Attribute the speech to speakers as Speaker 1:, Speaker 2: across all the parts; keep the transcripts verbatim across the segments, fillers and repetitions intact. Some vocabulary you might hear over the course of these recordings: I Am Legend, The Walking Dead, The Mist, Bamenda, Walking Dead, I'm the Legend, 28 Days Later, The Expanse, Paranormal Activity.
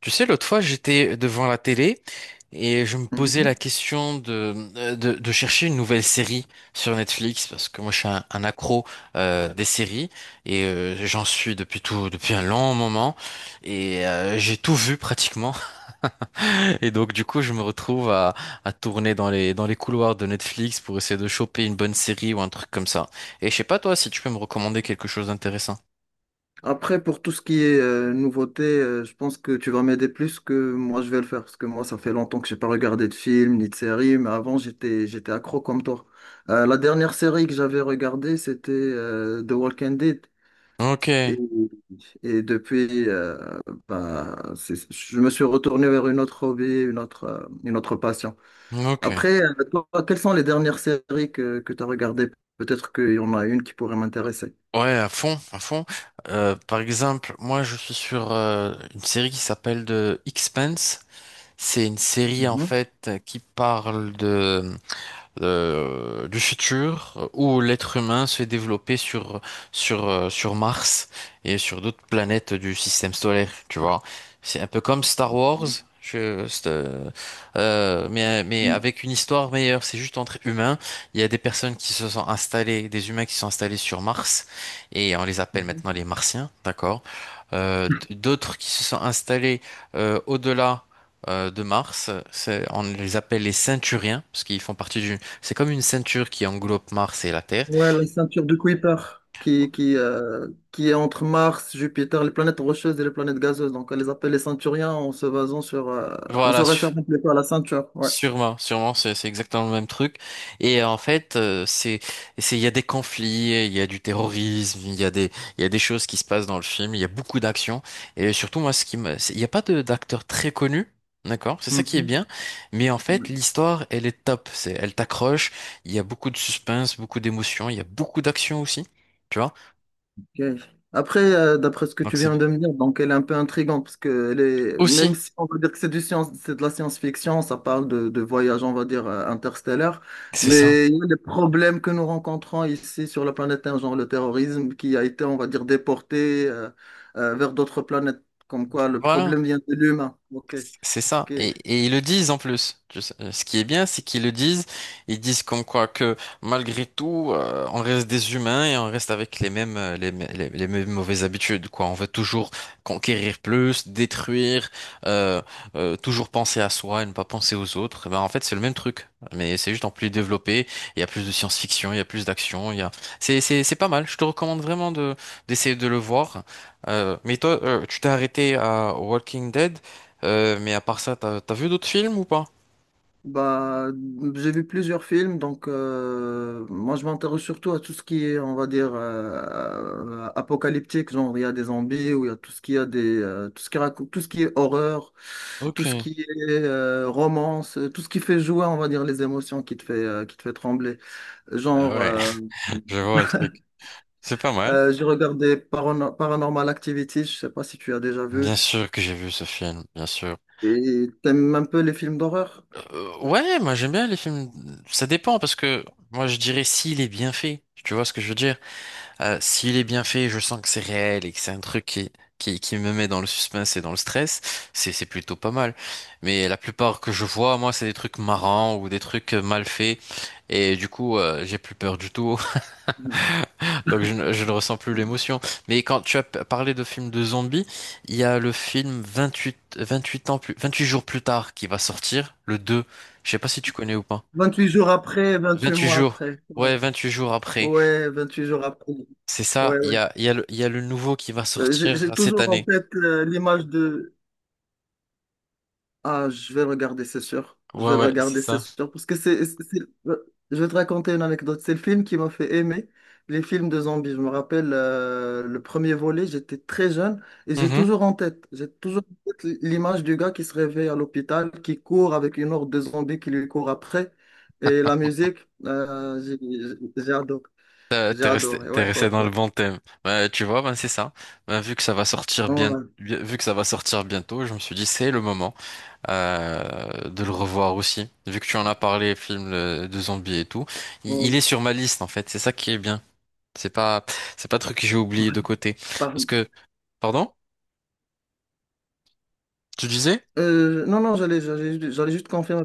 Speaker 1: Tu sais, l'autre fois, j'étais devant la télé et je me posais
Speaker 2: Mhm.
Speaker 1: la question de, euh, de, de chercher une nouvelle série sur Netflix parce que moi, je suis un, un accro euh, des séries et euh, j'en suis depuis tout, depuis un long moment et euh, j'ai tout vu pratiquement. Et donc, du coup, je me retrouve à, à tourner dans les, dans les couloirs de Netflix pour essayer de choper une bonne série ou un truc comme ça. Et je sais pas, toi, si tu peux me recommander quelque chose d'intéressant.
Speaker 2: Après, pour tout ce qui est euh, nouveauté, euh, je pense que tu vas m'aider plus que moi je vais le faire, parce que moi, ça fait longtemps que j'ai pas regardé de film ni de série, mais avant, j'étais, j'étais accro comme toi. Euh, la dernière série que j'avais regardée, c'était euh, The Walking Dead.
Speaker 1: Ok,
Speaker 2: Et, et depuis, euh, bah, c'est- je me suis retourné vers une autre hobby, une autre, euh, une autre passion.
Speaker 1: ok.
Speaker 2: Après, euh, toi, quelles sont les dernières séries que, que tu as regardées? Peut-être qu'il y en a une qui pourrait m'intéresser.
Speaker 1: Ouais, à fond, à fond. Euh, par exemple, moi, je suis sur euh, une série qui s'appelle The Expanse. C'est une série en
Speaker 2: Mhm.
Speaker 1: fait qui parle de euh, du futur euh, où l'être humain se fait développer sur, sur, euh, sur Mars et sur d'autres planètes du système solaire, tu vois. C'est un peu comme Star Wars, je, c'est, euh, euh, mais, mais avec une histoire meilleure. C'est juste entre humains. Il y a des personnes qui se sont installées, des humains qui sont installés sur Mars et on les appelle
Speaker 2: Mhm.
Speaker 1: maintenant les Martiens, d'accord? Euh, d- d'autres qui se sont installés euh, au-delà euh, de Mars. C'est- on les appelle les Ceinturiens, parce qu'ils font partie d'une, c'est comme une ceinture qui englobe Mars et la Terre.
Speaker 2: Ouais, la ceinture de Kuiper qui, qui, euh, qui est entre Mars, Jupiter, les planètes rocheuses et les planètes gazeuses. Donc, on les appelle les ceinturiens en se basant sur. Euh, on se
Speaker 1: Voilà,
Speaker 2: réfère
Speaker 1: su-
Speaker 2: plutôt à la ceinture. Ouais.
Speaker 1: sûrement, Sûrement, c'est c'est exactement le même truc. Et en fait, euh, c'est, c'est, il y a des conflits, il y a du terrorisme, il y a des, il y a des choses qui se passent dans le film, il y a beaucoup d'actions. Et surtout, moi, ce qui me, c'est- il n'y a pas de d'acteur très connu. D'accord, c'est ça qui est bien, mais en fait
Speaker 2: Mhm.
Speaker 1: l'histoire elle est top, c'est elle t'accroche, il y a beaucoup de suspense, beaucoup d'émotions, il y a beaucoup d'action aussi, tu vois.
Speaker 2: Ok. Après, euh, d'après ce que
Speaker 1: Donc
Speaker 2: tu
Speaker 1: c'est
Speaker 2: viens de me dire, donc elle est un peu intrigante parce que elle est- même
Speaker 1: aussi,
Speaker 2: si on va dire que c'est du science, c'est de la science-fiction, ça parle de, de voyage, on va dire, euh, interstellaire,
Speaker 1: c'est ça.
Speaker 2: mais il y a des problèmes que nous rencontrons ici sur la planète Terre, genre le terrorisme qui a été, on va dire, déporté euh, euh, vers d'autres planètes, comme quoi le
Speaker 1: Voilà,
Speaker 2: problème vient de l'humain. Ok,
Speaker 1: c'est ça.
Speaker 2: ok.
Speaker 1: Et, et ils le disent en plus. Tu sais, euh, ce qui est bien, c'est qu'ils le disent. Ils disent comme quoi que malgré tout, euh, on reste des humains et on reste avec les mêmes, euh, les, mê- les- les mêmes mauvaises habitudes, quoi. On veut toujours conquérir plus, détruire, euh, euh, toujours penser à soi et ne pas penser aux autres. Et ben, en fait, c'est le même truc. Mais c'est juste en plus développé. Il y a plus de science-fiction, il y a plus d'action. Il y a... C'est, c'est, c'est pas mal. Je te recommande vraiment de, d'essayer de le voir. Euh, mais toi, euh, tu t'es arrêté à Walking Dead. Euh, mais à part ça, t'as, t'as vu d'autres films ou pas?
Speaker 2: Bah, j'ai vu plusieurs films, donc euh, moi je m'intéresse surtout à tout ce qui est, on va dire, euh, apocalyptique, genre il y a des zombies ou il y a tout ce qui a des, euh, tout ce qui raconte, tout ce qui est horreur, tout
Speaker 1: Ok.
Speaker 2: ce qui est euh, romance, euh, tout ce qui fait jouer, on va dire, les émotions qui te fait, euh, qui te fait trembler.
Speaker 1: Ah
Speaker 2: Genre,
Speaker 1: ouais,
Speaker 2: euh,
Speaker 1: je vois le truc. C'est pas mal.
Speaker 2: euh, j'ai regardé Parano- Paranormal Activity, je sais pas si tu as déjà
Speaker 1: Bien
Speaker 2: vu,
Speaker 1: sûr que j'ai vu ce film, bien sûr.
Speaker 2: et t'aimes un peu les films d'horreur?
Speaker 1: Euh, ouais, moi j'aime bien les films. Ça dépend parce que moi je dirais s'il est bien fait. Tu vois ce que je veux dire? Euh, s'il est bien fait, je sens que c'est réel et que c'est un truc qui, qui, qui me met dans le suspense et dans le stress. C'est, c'est plutôt pas mal. Mais la plupart que je vois, moi, c'est des trucs marrants ou des trucs mal faits. Et du coup, euh, j'ai plus peur du tout. Donc je, ne je ne ressens plus l'émotion. Mais quand tu as p- parlé de films de zombies, il y a le film vingt-huit vingt-huit ans plus, vingt-huit jours plus tard qui va sortir, le deux. Je sais pas si tu connais ou pas.
Speaker 2: Vingt-huit jours après, vingt-huit
Speaker 1: vingt-huit
Speaker 2: mois
Speaker 1: jours.
Speaker 2: après. Ouais.
Speaker 1: Ouais, vingt-huit jours après.
Speaker 2: Ouais, vingt-huit jours après.
Speaker 1: C'est ça.
Speaker 2: Ouais,
Speaker 1: Il y
Speaker 2: ouais.
Speaker 1: a, il y a le, il y a le nouveau qui va
Speaker 2: Euh, J'ai
Speaker 1: sortir
Speaker 2: j'ai
Speaker 1: cette
Speaker 2: toujours en
Speaker 1: année.
Speaker 2: tête euh, l'image de… Ah, je vais le regarder, c'est sûr. Je
Speaker 1: Ouais,
Speaker 2: vais le
Speaker 1: ouais, c'est
Speaker 2: regarder, c'est
Speaker 1: ça.
Speaker 2: sûr. Parce que c'est... c'est- c'est- euh, je vais te raconter une anecdote. C'est le film qui m'a fait aimer les films de zombies. Je me rappelle euh, le premier volet, j'étais très jeune et j'ai
Speaker 1: Mhm.
Speaker 2: toujours en tête, j'ai toujours en tête l'image du gars qui se réveille à l'hôpital, qui court avec une horde de zombies qui lui court après. Et la musique, euh, j'ai j'ai- j'ai adoré.
Speaker 1: T'as-
Speaker 2: J'ai
Speaker 1: T'es resté,
Speaker 2: adoré,
Speaker 1: t'es
Speaker 2: ouais, ouais,
Speaker 1: resté dans
Speaker 2: ouais.
Speaker 1: le bon thème. Bah, tu vois, ben c'est ça. Ben, vu que ça va sortir bien,
Speaker 2: Ouais,
Speaker 1: vu que ça va sortir bientôt, je me suis dit c'est le moment euh, de le revoir aussi. Vu que tu en as parlé, film euh, de zombies et tout, il,
Speaker 2: ouais.
Speaker 1: il est sur ma liste en fait. C'est ça qui est bien. C'est pas, c'est pas un truc que j'ai oublié de côté.
Speaker 2: Par-
Speaker 1: Parce que, pardon? Tu disais?
Speaker 2: euh, non, non, j'allais, j'allais, j'allais juste confirmer.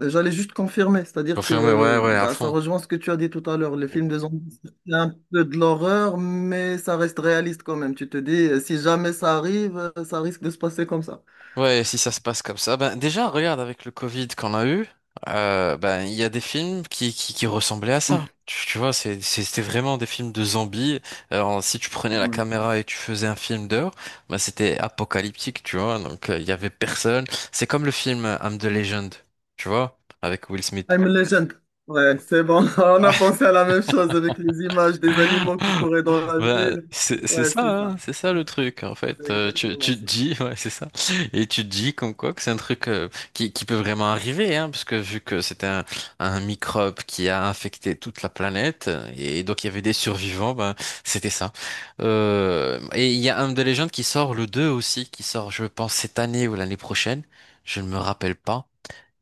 Speaker 2: Euh, J'allais juste confirmer, c'est-à-dire
Speaker 1: Confirmé, ouais,
Speaker 2: que
Speaker 1: ouais, à
Speaker 2: bah, ça
Speaker 1: fond.
Speaker 2: rejoint ce que tu as dit tout à l'heure. Les films de zombies, c'est un peu de l'horreur, mais ça reste réaliste quand même. Tu te dis, euh, si jamais ça arrive, euh, ça risque de se passer comme ça.
Speaker 1: Ouais, si ça se passe comme ça, ben déjà regarde avec le Covid qu'on a eu, euh, ben il y a des films qui qui, qui ressemblaient à ça. Tu, tu vois, c'est c'est- c'était vraiment des films de zombies. Alors si tu prenais la
Speaker 2: Ouais.
Speaker 1: caméra et tu faisais un film d'heure, ben c'était apocalyptique, tu vois. Donc euh, il y avait personne. C'est comme le film euh, I'm the Legend, tu vois, avec Will Smith.
Speaker 2: I'm Legend. Ouais, c'est bon. On a pensé à la même chose avec les images des animaux qui couraient dans la
Speaker 1: Bah,
Speaker 2: ville.
Speaker 1: c'est c'est
Speaker 2: Ouais,
Speaker 1: ça,
Speaker 2: c'est
Speaker 1: hein,
Speaker 2: ça.
Speaker 1: c'est ça le truc en
Speaker 2: C'est
Speaker 1: fait. Euh, tu,
Speaker 2: exactement
Speaker 1: tu te
Speaker 2: ça.
Speaker 1: dis, ouais, c'est ça. Et tu te dis comme quoi que c'est un truc euh, qui, qui peut vraiment arriver, hein, parce que vu que c'était un, un microbe qui a infecté toute la planète, et donc il y avait des survivants, ben c'était ça. Euh, et il y a un de légende qui sort le deux aussi, qui sort, je pense, cette année ou l'année prochaine, je ne me rappelle pas.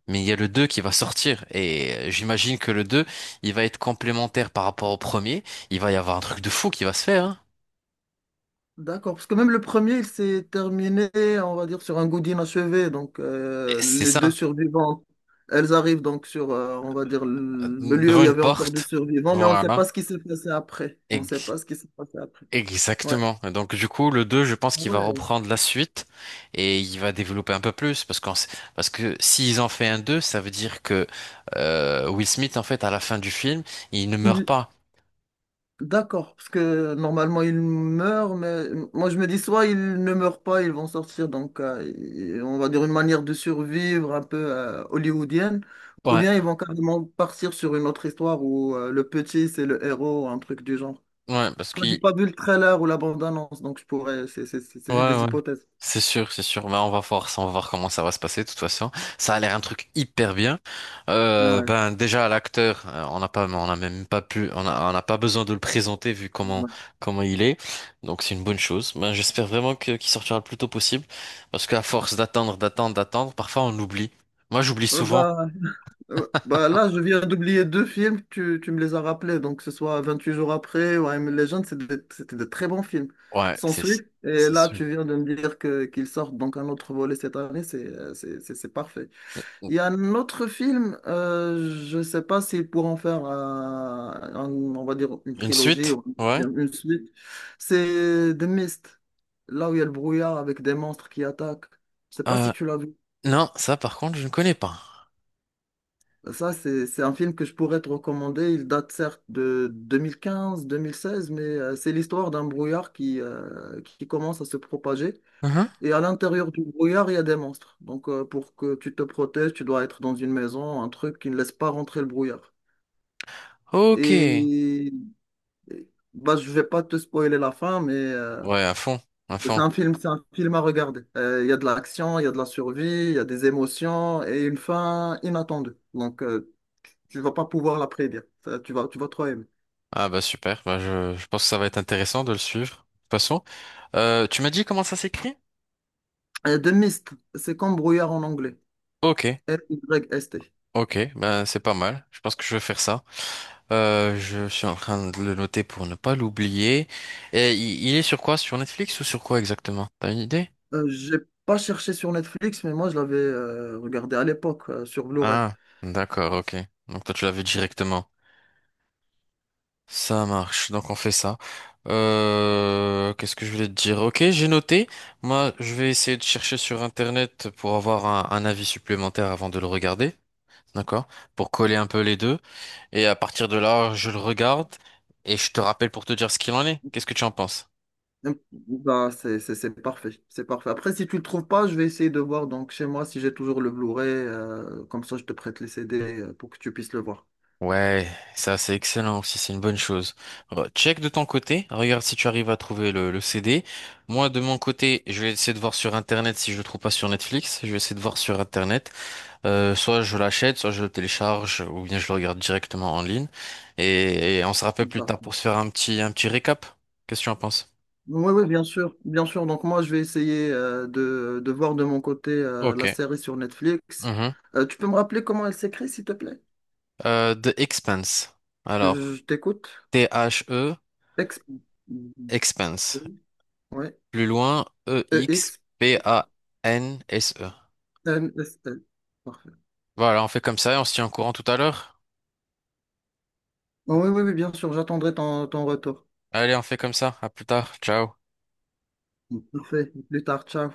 Speaker 1: Mais il y a le deux qui va sortir, et euh, j'imagine que le deux il va être complémentaire par rapport au premier. Il va y avoir un truc de fou qui va se faire, hein.
Speaker 2: D'accord, parce que même le premier, il s'est terminé, on va dire, sur un goût d'inachevé. Donc,
Speaker 1: Et
Speaker 2: euh,
Speaker 1: c'est
Speaker 2: les deux
Speaker 1: ça,
Speaker 2: survivants, elles arrivent donc sur, euh, on va dire,
Speaker 1: euh,
Speaker 2: le le lieu où
Speaker 1: devant
Speaker 2: il y
Speaker 1: une
Speaker 2: avait encore des
Speaker 1: porte.
Speaker 2: survivants, mais on ne sait
Speaker 1: Voilà,
Speaker 2: pas ce qui s'est passé après. On ne sait
Speaker 1: Ex-
Speaker 2: pas ce qui s'est passé après. Ouais.
Speaker 1: exactement. Et donc du coup, le deux, je pense
Speaker 2: Ah
Speaker 1: qu'il va
Speaker 2: ouais.
Speaker 1: reprendre la suite et il va développer un peu plus parce qu'en- parce que s'ils en fait un deux, ça veut dire que euh, Will Smith, en fait, à la fin du film, il ne meurt
Speaker 2: Il-
Speaker 1: pas.
Speaker 2: D'accord, parce que normalement ils meurent, mais moi je me dis soit ils ne meurent pas, ils vont sortir, donc euh, et- on va dire une manière de survivre un peu euh, hollywoodienne, ou
Speaker 1: Ouais,
Speaker 2: bien ils vont carrément partir sur une autre histoire où euh, le petit c'est le héros, un truc du genre.
Speaker 1: ouais, parce
Speaker 2: Après, j'ai
Speaker 1: qu'il...
Speaker 2: pas vu le trailer ou la bande-annonce, donc je pourrais, c'est c'est- c'est- c'est
Speaker 1: Ouais,
Speaker 2: juste des
Speaker 1: ouais.
Speaker 2: hypothèses.
Speaker 1: C'est sûr, c'est sûr. Ben, on va voir ça, on va voir comment ça va se passer, de toute façon. Ça a l'air un truc hyper bien. Euh,
Speaker 2: Ouais.
Speaker 1: ben, déjà, l'acteur, euh, on n'a pas, on n'a même pas pu, on a- on n'a pas besoin de le présenter vu comment,
Speaker 2: Ouais.
Speaker 1: comment il est. Donc, c'est une bonne chose. Ben, j'espère vraiment que, qu'il sortira le plus tôt possible. Parce qu'à force d'attendre, d'attendre, d'attendre, parfois on oublie. Moi, j'oublie
Speaker 2: Euh,
Speaker 1: souvent.
Speaker 2: bah, Euh, Bah là, je viens d'oublier deux films, tu, tu me les as rappelés, donc que ce soit vingt-huit jours après ou I Am Legend, c'est des- c'était de, très bons films.
Speaker 1: Ouais,
Speaker 2: Sans
Speaker 1: c'est,
Speaker 2: suite, et
Speaker 1: c'est
Speaker 2: là,
Speaker 1: sûr.
Speaker 2: tu viens de me dire que qu'ils sortent donc un autre volet cette année, c'est euh, c'est c'est- c'est parfait. Il y a un autre film, euh, je sais pas s'ils pourront faire, euh, un- on va dire, une
Speaker 1: Une
Speaker 2: trilogie
Speaker 1: suite?
Speaker 2: ou
Speaker 1: Ouais.
Speaker 2: une une suite, c'est The Mist, là où il y a le brouillard avec des monstres qui attaquent. Je sais pas
Speaker 1: Euh,
Speaker 2: si tu l'as vu.
Speaker 1: non, ça, par contre, je ne connais pas.
Speaker 2: Ça, c'est, c'est un film que je pourrais te recommander. Il date certes de deux mille quinze-deux mille seize, mais euh, c'est l'histoire d'un brouillard qui, euh, qui commence à se propager.
Speaker 1: Mhm.
Speaker 2: Et à l'intérieur du brouillard, il y a des monstres. Donc, euh, pour que tu te protèges, tu dois être dans une maison, un truc qui ne laisse pas rentrer le brouillard.
Speaker 1: Ok.
Speaker 2: Et et- Bah, je vais pas te spoiler la fin, mais euh,
Speaker 1: Ouais, à fond, à
Speaker 2: c'est
Speaker 1: fond.
Speaker 2: un film, c'est un film à regarder. Euh, Il y a de l'action, il y a de la survie, il y a des émotions et une fin inattendue. Donc, euh, tu vas pas pouvoir la prédire. Ça, tu vas, tu vas trop aimer.
Speaker 1: Ah bah super, bah je, je pense que ça va être intéressant de le suivre. De toute façon, euh, tu m'as dit comment ça s'écrit?
Speaker 2: Euh, The Mist, c'est comme brouillard en anglais.
Speaker 1: Ok,
Speaker 2: M-Y-S-T.
Speaker 1: ok, ben c'est pas mal. Je pense que je vais faire ça. Euh, je suis en train de le noter pour ne pas l'oublier. Et il, il est sur quoi? Sur Netflix ou sur quoi exactement? T'as une idée?
Speaker 2: Euh, j'ai pas cherché sur Netflix, mais moi je l'avais euh, regardé à l'époque euh, sur Blu-ray.
Speaker 1: Ah, d'accord, ok. Donc toi tu l'avais directement. Ça marche, donc on fait ça. Euh, qu'est-ce que je voulais te dire? Ok, j'ai noté. Moi, je vais essayer de chercher sur Internet pour avoir un, un avis supplémentaire avant de le regarder. D'accord. Pour coller un peu les deux. Et à partir de là, je le regarde et je te rappelle pour te dire ce qu'il en est. Qu'est-ce que tu en penses?
Speaker 2: Euh, Bah, c'est c'est- c'est parfait, c'est parfait. Après, si tu le trouves pas, je vais essayer de voir donc chez moi si j'ai toujours le Blu-ray. Euh, comme ça, je te prête les C D euh, pour que tu puisses le voir.
Speaker 1: Ouais, ça c'est excellent aussi, c'est une bonne chose. Re- Check de ton côté, regarde si tu arrives à trouver le, le C D. Moi de mon côté, je vais essayer de voir sur Internet si je le trouve pas sur Netflix. Je vais essayer de voir sur Internet. Euh, soit je l'achète, soit je le télécharge, ou bien je le regarde directement en ligne. Et, et on se rappelle plus
Speaker 2: Bah.
Speaker 1: tard pour se faire un petit, un petit récap. Qu'est-ce que tu en penses?
Speaker 2: Oui, oui, bien sûr, bien sûr. Donc moi, je vais essayer euh, de, de voir de mon côté euh,
Speaker 1: Ok.
Speaker 2: la série sur Netflix.
Speaker 1: Mhm.
Speaker 2: Euh, tu peux me rappeler comment elle s'écrit, s'il te plaît?
Speaker 1: Euh, The Expanse. Alors,
Speaker 2: Je t'écoute.
Speaker 1: T-H-E,
Speaker 2: Ex…
Speaker 1: Expanse.
Speaker 2: Ouais.
Speaker 1: Plus loin,
Speaker 2: E X
Speaker 1: E-X-P-A-N-S-E.
Speaker 2: M S L. Parfait.
Speaker 1: Voilà, on fait comme ça et on se tient au courant tout à l'heure.
Speaker 2: Oh, oui, oui, oui, bien sûr, j'attendrai ton, ton retour.
Speaker 1: Allez, on fait comme ça. À plus tard. Ciao.
Speaker 2: Parfait. Plus tard, ciao.